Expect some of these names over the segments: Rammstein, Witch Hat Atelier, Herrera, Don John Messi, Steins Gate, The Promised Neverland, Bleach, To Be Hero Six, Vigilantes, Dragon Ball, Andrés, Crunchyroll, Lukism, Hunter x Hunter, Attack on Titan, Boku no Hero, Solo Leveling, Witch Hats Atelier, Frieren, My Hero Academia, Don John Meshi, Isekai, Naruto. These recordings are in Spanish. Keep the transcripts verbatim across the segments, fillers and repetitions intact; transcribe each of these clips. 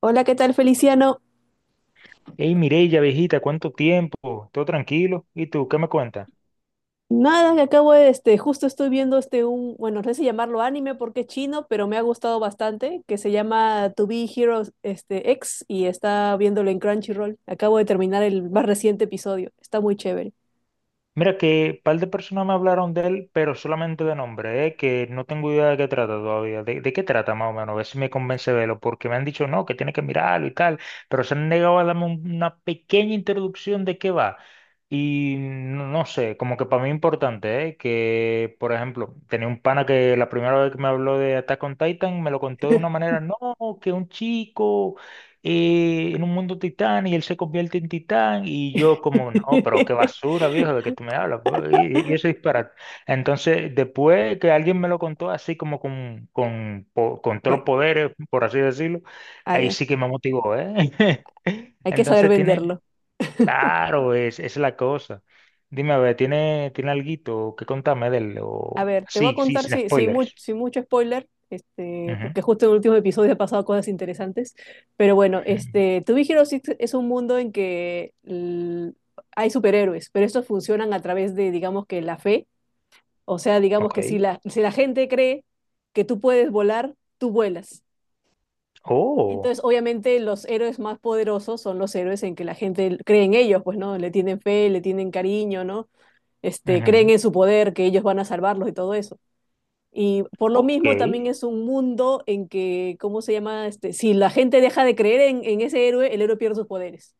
Hola, ¿qué tal, Feliciano? Hey, Mireya, viejita, ¿cuánto tiempo? ¿Todo tranquilo? ¿Y tú qué me cuentas? Nada, que acabo de, este, justo estoy viendo este un, bueno, no sé si llamarlo anime porque es chino, pero me ha gustado bastante, que se llama To Be Heroes este, X y está viéndolo en Crunchyroll. Acabo de terminar el más reciente episodio, está muy chévere. Mira que un par de personas me hablaron de él, pero solamente de nombre, ¿eh? Que no tengo idea de qué trata todavía. ¿De, de qué trata más o menos? A ver si me convence de verlo, porque me han dicho no, que tiene que mirarlo y tal, pero se han negado a darme un- una pequeña introducción de qué va. Y no, no sé, como que para mí es importante, ¿eh? Que, por ejemplo, tenía un pana que la primera vez que me habló de Attack on Titan me lo contó de una manera, no, que un chico y en un mundo titán y él se convierte en titán y yo como, no, pero qué basura, viejo, de que tú me hablas, pues, y, y eso es disparate. Entonces, después que alguien me lo contó así como con, con, po- con todos Ya, los poderes, por así decirlo, ah, ahí ya, sí que me motivó, ¿eh? hay que saber Entonces tiene, venderlo. claro, es, es la cosa. Dime, a ver, ¿tiene, tiene alguito que contarme de él? A O ver, te voy a sí, sí, contar sin sin sí, spoilers. mucho spoiler, este, Ujú, porque justo en el último episodio ha pasado cosas interesantes. Pero bueno, ujú. este, To Be Hero Six es un mundo en que l- hay superhéroes, pero estos funcionan a través de, digamos que la fe. O sea, digamos que si Ok. la, si la gente cree que tú puedes volar, tú vuelas. Oh. Entonces, obviamente, los héroes más poderosos son los héroes en que la gente cree en ellos, pues, ¿no? Le tienen fe, le tienen cariño, ¿no? Este, creen Ujú. en su poder, que ellos van a salvarlos y todo eso. Y por lo Ok. mismo también es un mundo en que, ¿cómo se llama? Este, si la gente deja de creer en, en ese héroe, el héroe pierde sus poderes.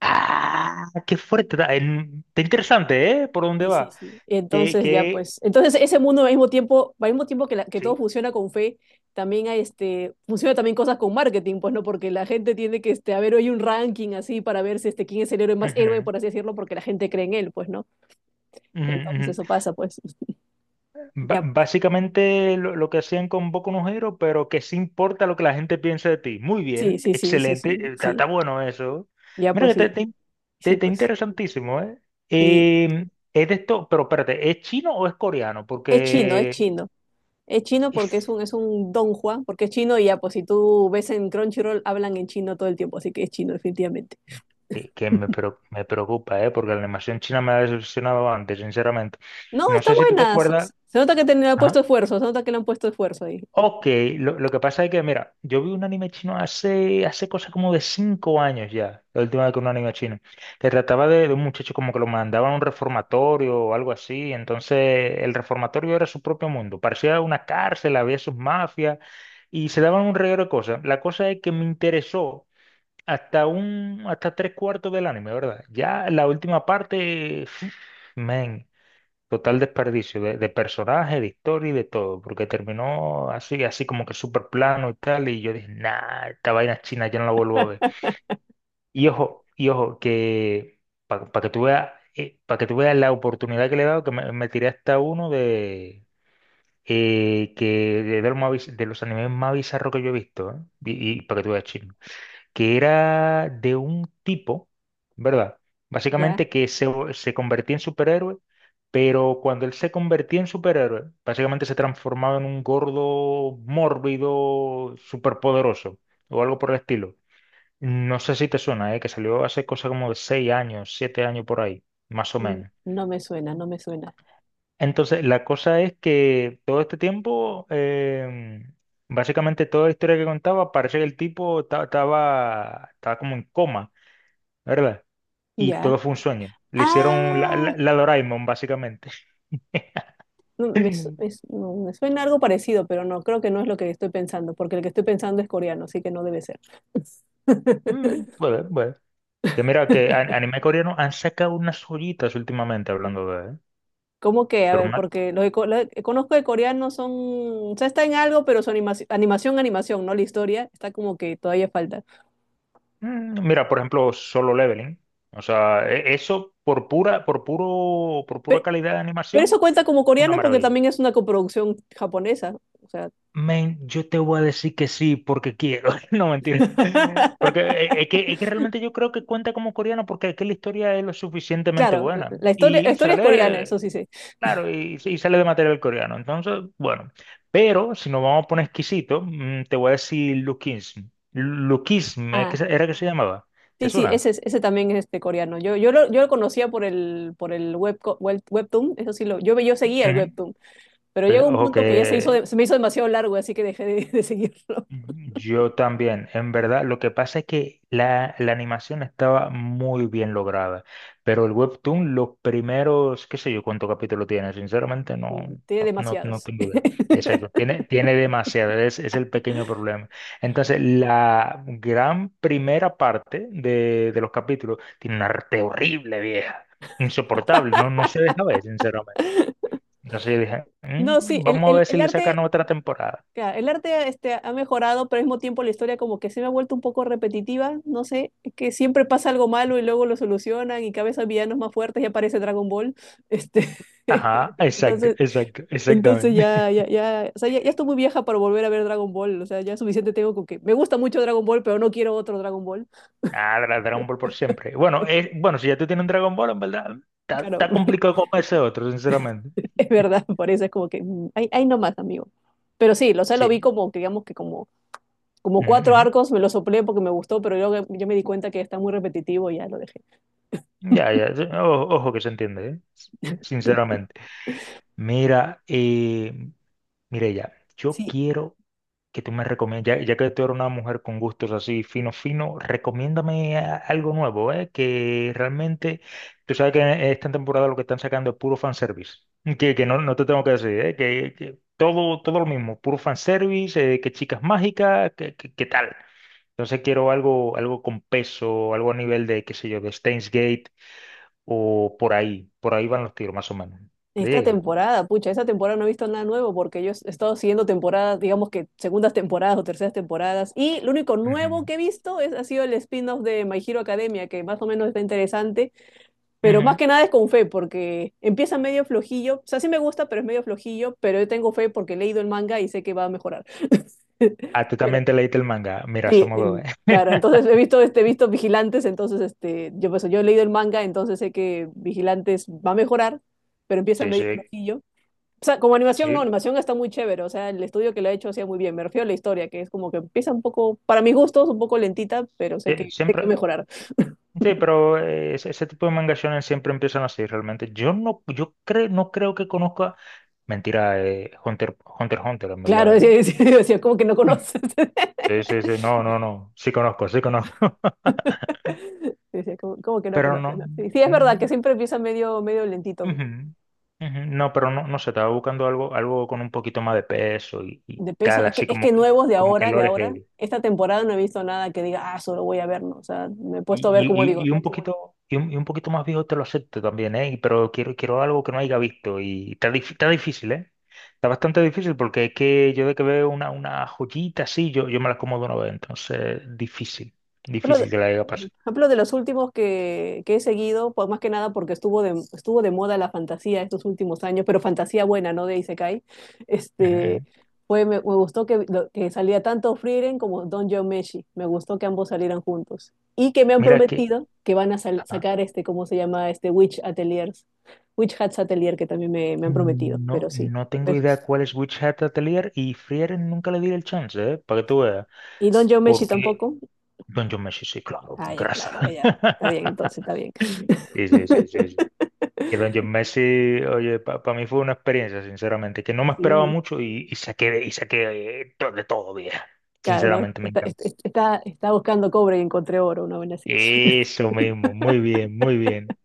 Ah, qué fuerte. Está, en- está interesante, ¿eh? Por dónde Sí, sí, va. sí. Que, Entonces ya que, pues, entonces ese mundo al mismo tiempo, al mismo tiempo que, la- que todo sí. funciona con fe, también hay este, funciona también cosas con marketing, pues no, porque la gente tiene que, este, a ver, hay un ranking así para ver si este, quién es el héroe más héroe, Ujú, por así decirlo, porque la gente cree en él, pues no. ujú, ujú. Entonces eso pasa, pues. Ba- Ya, básicamente lo, lo que hacían con Boku no Hero, pero que sí importa lo que la gente piense de ti. Muy sí, bien, sí, sí, sí, excelente. sí, eh, Está, sí. está bueno eso. Ya Mira pues que te, sí, te- te- sí, te pues. interesantísimo, ¿eh? Sí. Eh, es de esto, pero espérate, ¿es chino o es coreano? Es chino, es Porque chino. Es chino es- porque es un, es un Don Juan, porque es chino y ya, pues si tú ves en Crunchyroll, hablan en chino todo el tiempo, así que es chino, definitivamente. que, que me, preo- me preocupa, ¿eh? Porque la animación china me ha decepcionado antes, sinceramente. No, No está sé si tú te buena. Se acuerdas. se nota que te le han Ah, puesto esfuerzo, se nota que le han puesto esfuerzo ahí. ok, lo, lo que pasa es que, mira, yo vi un anime chino hace, hace cosa como de cinco años ya, la última vez que un anime chino, que trataba de, de un muchacho como que lo mandaban a un reformatorio o algo así, entonces el reformatorio era su propio mundo, parecía una cárcel, había sus mafias y se daban un reguero de cosas. La cosa es que me interesó hasta un, hasta tres cuartos del anime, ¿verdad? Ya la última parte, man, total desperdicio de, de personaje, de historia y de todo, porque terminó así, así como que súper plano y tal, y yo dije, nah, esta vaina china ya no la vuelvo a ver. Y ojo, y ojo, que para que tú veas, para que tú veas la oportunidad que le he dado, que me, me tiré hasta uno de eh, que, de, de los más biz- de los animes más bizarros que yo he visto, ¿eh? Y, para que tú veas chino que era de un tipo, ¿verdad? Ya. Básicamente que se, se convertía en superhéroe, pero cuando él se convertía en superhéroe, básicamente se transformaba en un gordo mórbido superpoderoso o algo por el estilo. No sé si te suena, ¿eh? Que salió hace cosa como de seis años, siete años por ahí, más o Mm, menos. No me suena, no me suena. Entonces, la cosa es que todo este tiempo, em, básicamente toda la historia que contaba, parece que el tipo ta- estaba, estaba como en coma, ¿verdad? Y Ya. todo fue un sueño. Le hicieron la, Ah, la, la Doraemon, básicamente. no, me, su- me su- no, me suena algo parecido, pero no, creo que no es lo que estoy pensando, porque el que estoy pensando es coreano, así que no debe ser. Mm, Bueno, bueno. Que mira, que a- anime coreano han sacado unas joyitas últimamente hablando de, ¿eh? ¿Cómo que? A Pero ver, una- porque los que co- lo que conozco de coreanos son, o sea, está en algo, pero su animaci- animación, animación, ¿no? La historia está como que todavía falta. mm, mira, por ejemplo, Solo Leveling. O sea, e- eso por pura, por puro, por pura Pero, calidad de pero eso animación, cuenta como una coreano porque maravilla. también es una coproducción japonesa. O sea, Men, yo te voy a decir que sí porque quiero. No, mentira. Porque eh, es que, es que realmente yo creo que cuenta como coreano porque es que la historia es lo suficientemente claro, la buena. la historia, la Y historia es coreana, eso sale sí sé. Claro, y, y sale de material coreano. Entonces, bueno, pero si nos vamos a poner exquisito, mm, te voy a decir Lukism. Lukism, ¿eh? Ah, ¿Qué se- ¿era que se llamaba? ¿Te sí, sí, suena? ese, es- ese también es este coreano. Yo, yo, lo, yo lo conocía por el, por el webco- web, webtoon, eso sí lo, yo, ve- yo seguía el Ujú. webtoon, pero Oye, llegó un ojo punto que ya se hizo, que de- se me hizo demasiado largo, así que dejé de, de seguirlo. yo también, en verdad, lo que pasa es que la, la animación estaba muy bien lograda, pero el webtoon, los primeros, qué sé yo, cuánto capítulo tiene, sinceramente no, Tiene no, no, no demasiados. tengo idea. Exacto, tiene, tiene demasiado, es, es el pequeño problema. Entonces, la gran primera parte de, de los capítulos tiene un arte horrible, vieja, insoportable, no, no se deja ver, sinceramente. Entonces yo dije: No, sí, "Mm, el, vamos a el, ver si el le sacan arte, otra temporada." claro, el arte este, ha mejorado, pero al mismo tiempo la historia como que se me ha vuelto un poco repetitiva, no sé, que siempre pasa algo malo y luego lo solucionan y cada vez hay villanos más fuertes y aparece Dragon Ball. Este, Ajá, exacto, entonces, exacto, entonces exactamente. ya, ya, ya, o sea, ya, ya estoy muy vieja para volver a ver Dragon Ball, o sea, ya suficiente tengo con que me gusta mucho Dragon Ball, pero no quiero otro Dragon Ball. Ah, Dra- Dragon Ball por siempre. Bueno, eh, bueno, si ya tú tienes un Dragon Ball, en verdad, está, Claro, está complicado como ese otro, sinceramente. es verdad, por eso es como que, mm, ahí ahí nomás, amigo. Pero sí, lo, o sea, lo vi Sí. como, que, digamos que como como Ujú, cuatro ujú. arcos, me lo soplé porque me gustó, pero yo, yo me di cuenta que está muy repetitivo y ya lo dejé. Ya, ya, sí, o- ojo, que se entiende, ¿eh? Sinceramente. Mira, eh, Mireya, yo Sí. quiero que tú me recomiendes, ya, ya que tú eres una mujer con gustos así fino, fino, recomiéndame a- algo nuevo, ¿eh? Que realmente, tú sabes que en esta temporada lo que están sacando es puro fanservice, que, que no, no te tengo que decir, ¿eh? Que, que todo, todo lo mismo, puro fanservice, eh, que chicas mágicas, que, que, que tal. Entonces quiero algo, algo con peso, algo a nivel de, qué sé yo, de Steins Gate o por ahí, por ahí van los tiros más o menos. ¿Le Esta llega? temporada, pucha, esta temporada no he visto nada nuevo porque yo he estado siguiendo temporadas, digamos que segundas temporadas o terceras temporadas, y lo único Ujú. nuevo que he visto es, ha sido el spin-off de My Hero Academia, que más o menos está interesante, pero más Ujú. que nada es con fe porque empieza medio flojillo, o sea, sí me gusta, pero es medio flojillo, pero yo tengo fe porque he leído el manga y sé que va a mejorar. Ah, tú también te leíste el manga. Mira, Sí, somos dos, en- ¿eh? claro, entonces he visto, este, he visto Vigilantes, entonces este, yo, pues, yo he leído el manga, entonces sé que Vigilantes va a mejorar, pero empieza Sí, medio sí, flojillo. O sea, como animación, no, sí. animación está muy chévere, o sea, el estudio que lo ha hecho hacía muy bien, me refiero a la historia, que es como que empieza un poco, para mis gustos, un poco lentita, pero sé Sí, que sé que va a siempre, mejorar. sí, pero eh, ese, ese tipo de manga shonen siempre empiezan así, realmente. Yo no, yo creo, no creo que conozca. Mentira, eh, Hunter, Hunter x Hunter, en Claro, verdad, decía, ¿eh? decía, decía, como que no Mm. conoces. Sí, sí, sí. No, no, no. Sí conozco, sí conozco. Decía, como, como que no Pero conoces, no. ¿no? Sí, sí, es verdad Mm, que siempre empieza medio, medio lentito. ujú, ujú. No, pero no, no sé, estaba buscando algo, algo con un poquito más de peso y, y De peso, tal, es que, así es como que que, nuevos de como que ahora, de lore ahora, heavy. esta temporada no he visto nada que diga, ah, solo voy a ver, ¿no? O sea, me he puesto a ver, Y, como y- digo, y- y un poquito, y un, y un poquito más viejo te lo acepto también, ¿eh? Y- Pero quiero, quiero, algo que no haya visto. Y está, dif- está difícil, ¿eh? Está bastante difícil porque es que yo de que veo una, una joyita así, yo, yo me las como de una vez. Entonces, difícil. ejemplo, de, Difícil que la haya por pasado. ejemplo, de los últimos que, que he seguido, pues más que nada porque estuvo de, estuvo de moda la fantasía estos últimos años, pero fantasía buena, ¿no? De Isekai. Ujú, Este, ujú. Fue, me, me gustó que, lo- que salía tanto Frieren como Don John Meshi. Me gustó que ambos salieran juntos. Y que me han Mira, sí, que, prometido que van a sal- ajá, sacar este, ¿cómo se llama? Este Witch Ateliers. Witch Hats Atelier, que también me, me han prometido, pero no, sí. no tengo Pues, idea cuál es Witch Hat Atelier y Frieren nunca le di el chance, ¿eh? Para que tú veas. ¿y Don John Meshi Porque tampoco? Don John Messi, sí, claro, Ah, con ya, grasa. claro, ya. Está bien, entonces, está bien. Sí, sí, sí, sí. Que Don John Messi, oye, para mí fue una experiencia, sinceramente, que no me esperaba Sí. mucho y, y saqué, de- y saqué eh, to- de todo, vieja. Claro, no, Sinceramente, me está, encanta. está, Está buscando cobre y encontré oro, una buena así. Eso mismo, muy bien, muy bien.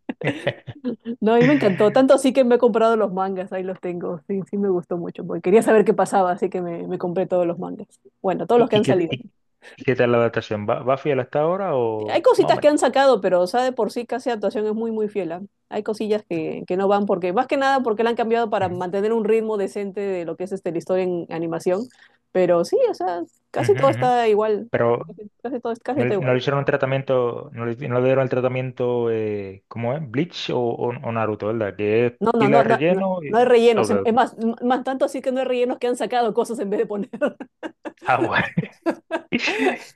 No, a mí me encantó, tanto así que me he comprado los mangas, ahí los tengo, sí, sí me gustó mucho, porque quería saber qué pasaba, así que me, me compré todos los mangas. Bueno, todos los ¿Y, que y han qué, salido. y, y qué tal la adaptación? ¿Va, va fiel hasta ahora Hay o más o cositas que menos? han sacado, pero, o sea, de por sí casi actuación es muy, muy fiel. ¿Ah? Hay cosillas que, que no van, porque más que nada porque la han cambiado para Ujú, mantener un ritmo decente de lo que es este, la historia en animación, pero sí, o sea, casi ujú, todo ujú. está igual, Pero casi, casi todo, casi no, todo le no le igual. hicieron el tratamiento, no le, no le dieron el tratamiento, eh, ¿cómo es? Bleach o, o- o Naruto, ¿verdad? Que es No, no, pila no, de no, no, relleno. no hay y- rellenos. Ok, Es ok. más, más tanto así que no hay rellenos que han sacado cosas en vez de poner. Ah, bueno.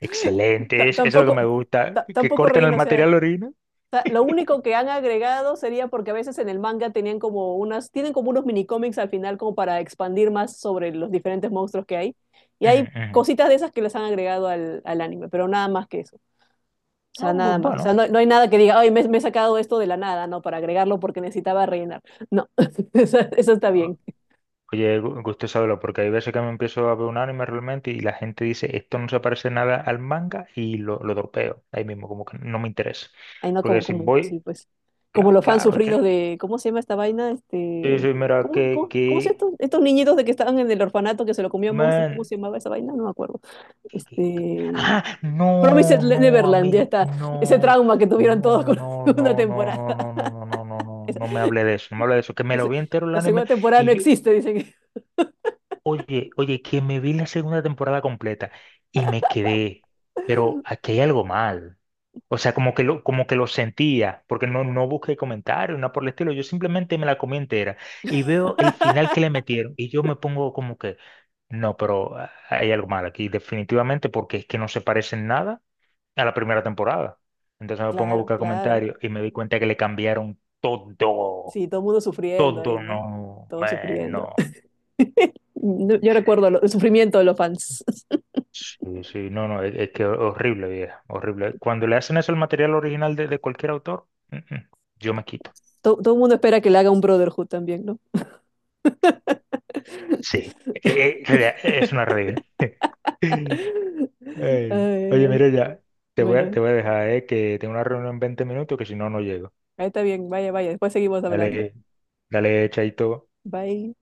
T- Excelente, es- eso es lo que tampoco, me t- gusta, que Tampoco corten el relleno, o sea, material orina. ta- lo único que han agregado sería porque a veces en el manga tenían como unas, tienen como unos mini cómics al final como para expandir más sobre los diferentes monstruos que hay. Y hay Ujú, ujú. cositas de esas que les han agregado al, al anime, pero nada más que eso. O No, sea, bu- nada más. O sea, bueno, no, no hay nada que diga, ay, me, me he sacado esto de la nada, ¿no? Para agregarlo porque necesitaba rellenar. No, eso, eso está ah, bien. oye, gu- gusto saberlo, porque hay veces que me empiezo a ver un anime realmente y la gente dice, esto no se parece nada al manga y lo, lo dropeo ahí mismo, como que no me interesa. Ay, no, Porque como, si como, voy, sí, pues. Como cla- los fans claro, es sufridos que, de, ¿cómo se llama esta vaina? sí, Este, sí, mira, ¿cómo, que, cómo, cómo se que, estos, estos niñitos de que estaban en el orfanato que se lo comió un monstruo? ¿Cómo man, se llamaba esa vaina? No me acuerdo. ¿Qué- qué? Este, Ah, Promised no, Le- no, Neverland, ya amiga, está. Ese no, trauma que tuvieron todos no, con la no, segunda no, no, no, temporada. no, no, no, no, no, no, no me hable de eso, no me hable de eso, que me lo Dice, vi entero el la anime segunda temporada y no yo, existe, dicen. Oye, oye, que me vi la segunda temporada completa y me quedé, pero aquí hay algo mal. O sea, como que lo, como que lo sentía, porque no, no busqué comentarios, nada por el estilo, yo simplemente me la comí entera y veo el final que le metieron y yo me pongo como que, no, pero ah, hay algo mal aquí, definitivamente, porque es que no se parece en nada a la primera temporada. Entonces me pongo a Claro, buscar claro. comentarios y me di cuenta que le cambiaron todo, Sí, todo el mundo sufriendo ahí, todo, ¿no? no, Todos man, sufriendo. no. No, yo recuerdo lo- el sufrimiento de los fans. Sí, sí, no, no, es, es que horrible, vieja, horrible. Cuando le hacen eso al material original de, de cualquier autor, mm, mm, yo me quito. Todo, todo el mundo espera que le haga un Brotherhood también, ¿no? Sí, eh, eh, rea- es una regla. Ay, Ey, ay, oye, ay. mira ya, te voy a, Bueno, te voy a dejar, eh, que tengo una reunión en veinte minutos que si no, no llego. ahí está bien. Vaya, vaya. Después seguimos hablando. Dale, dale, chaito. Bye.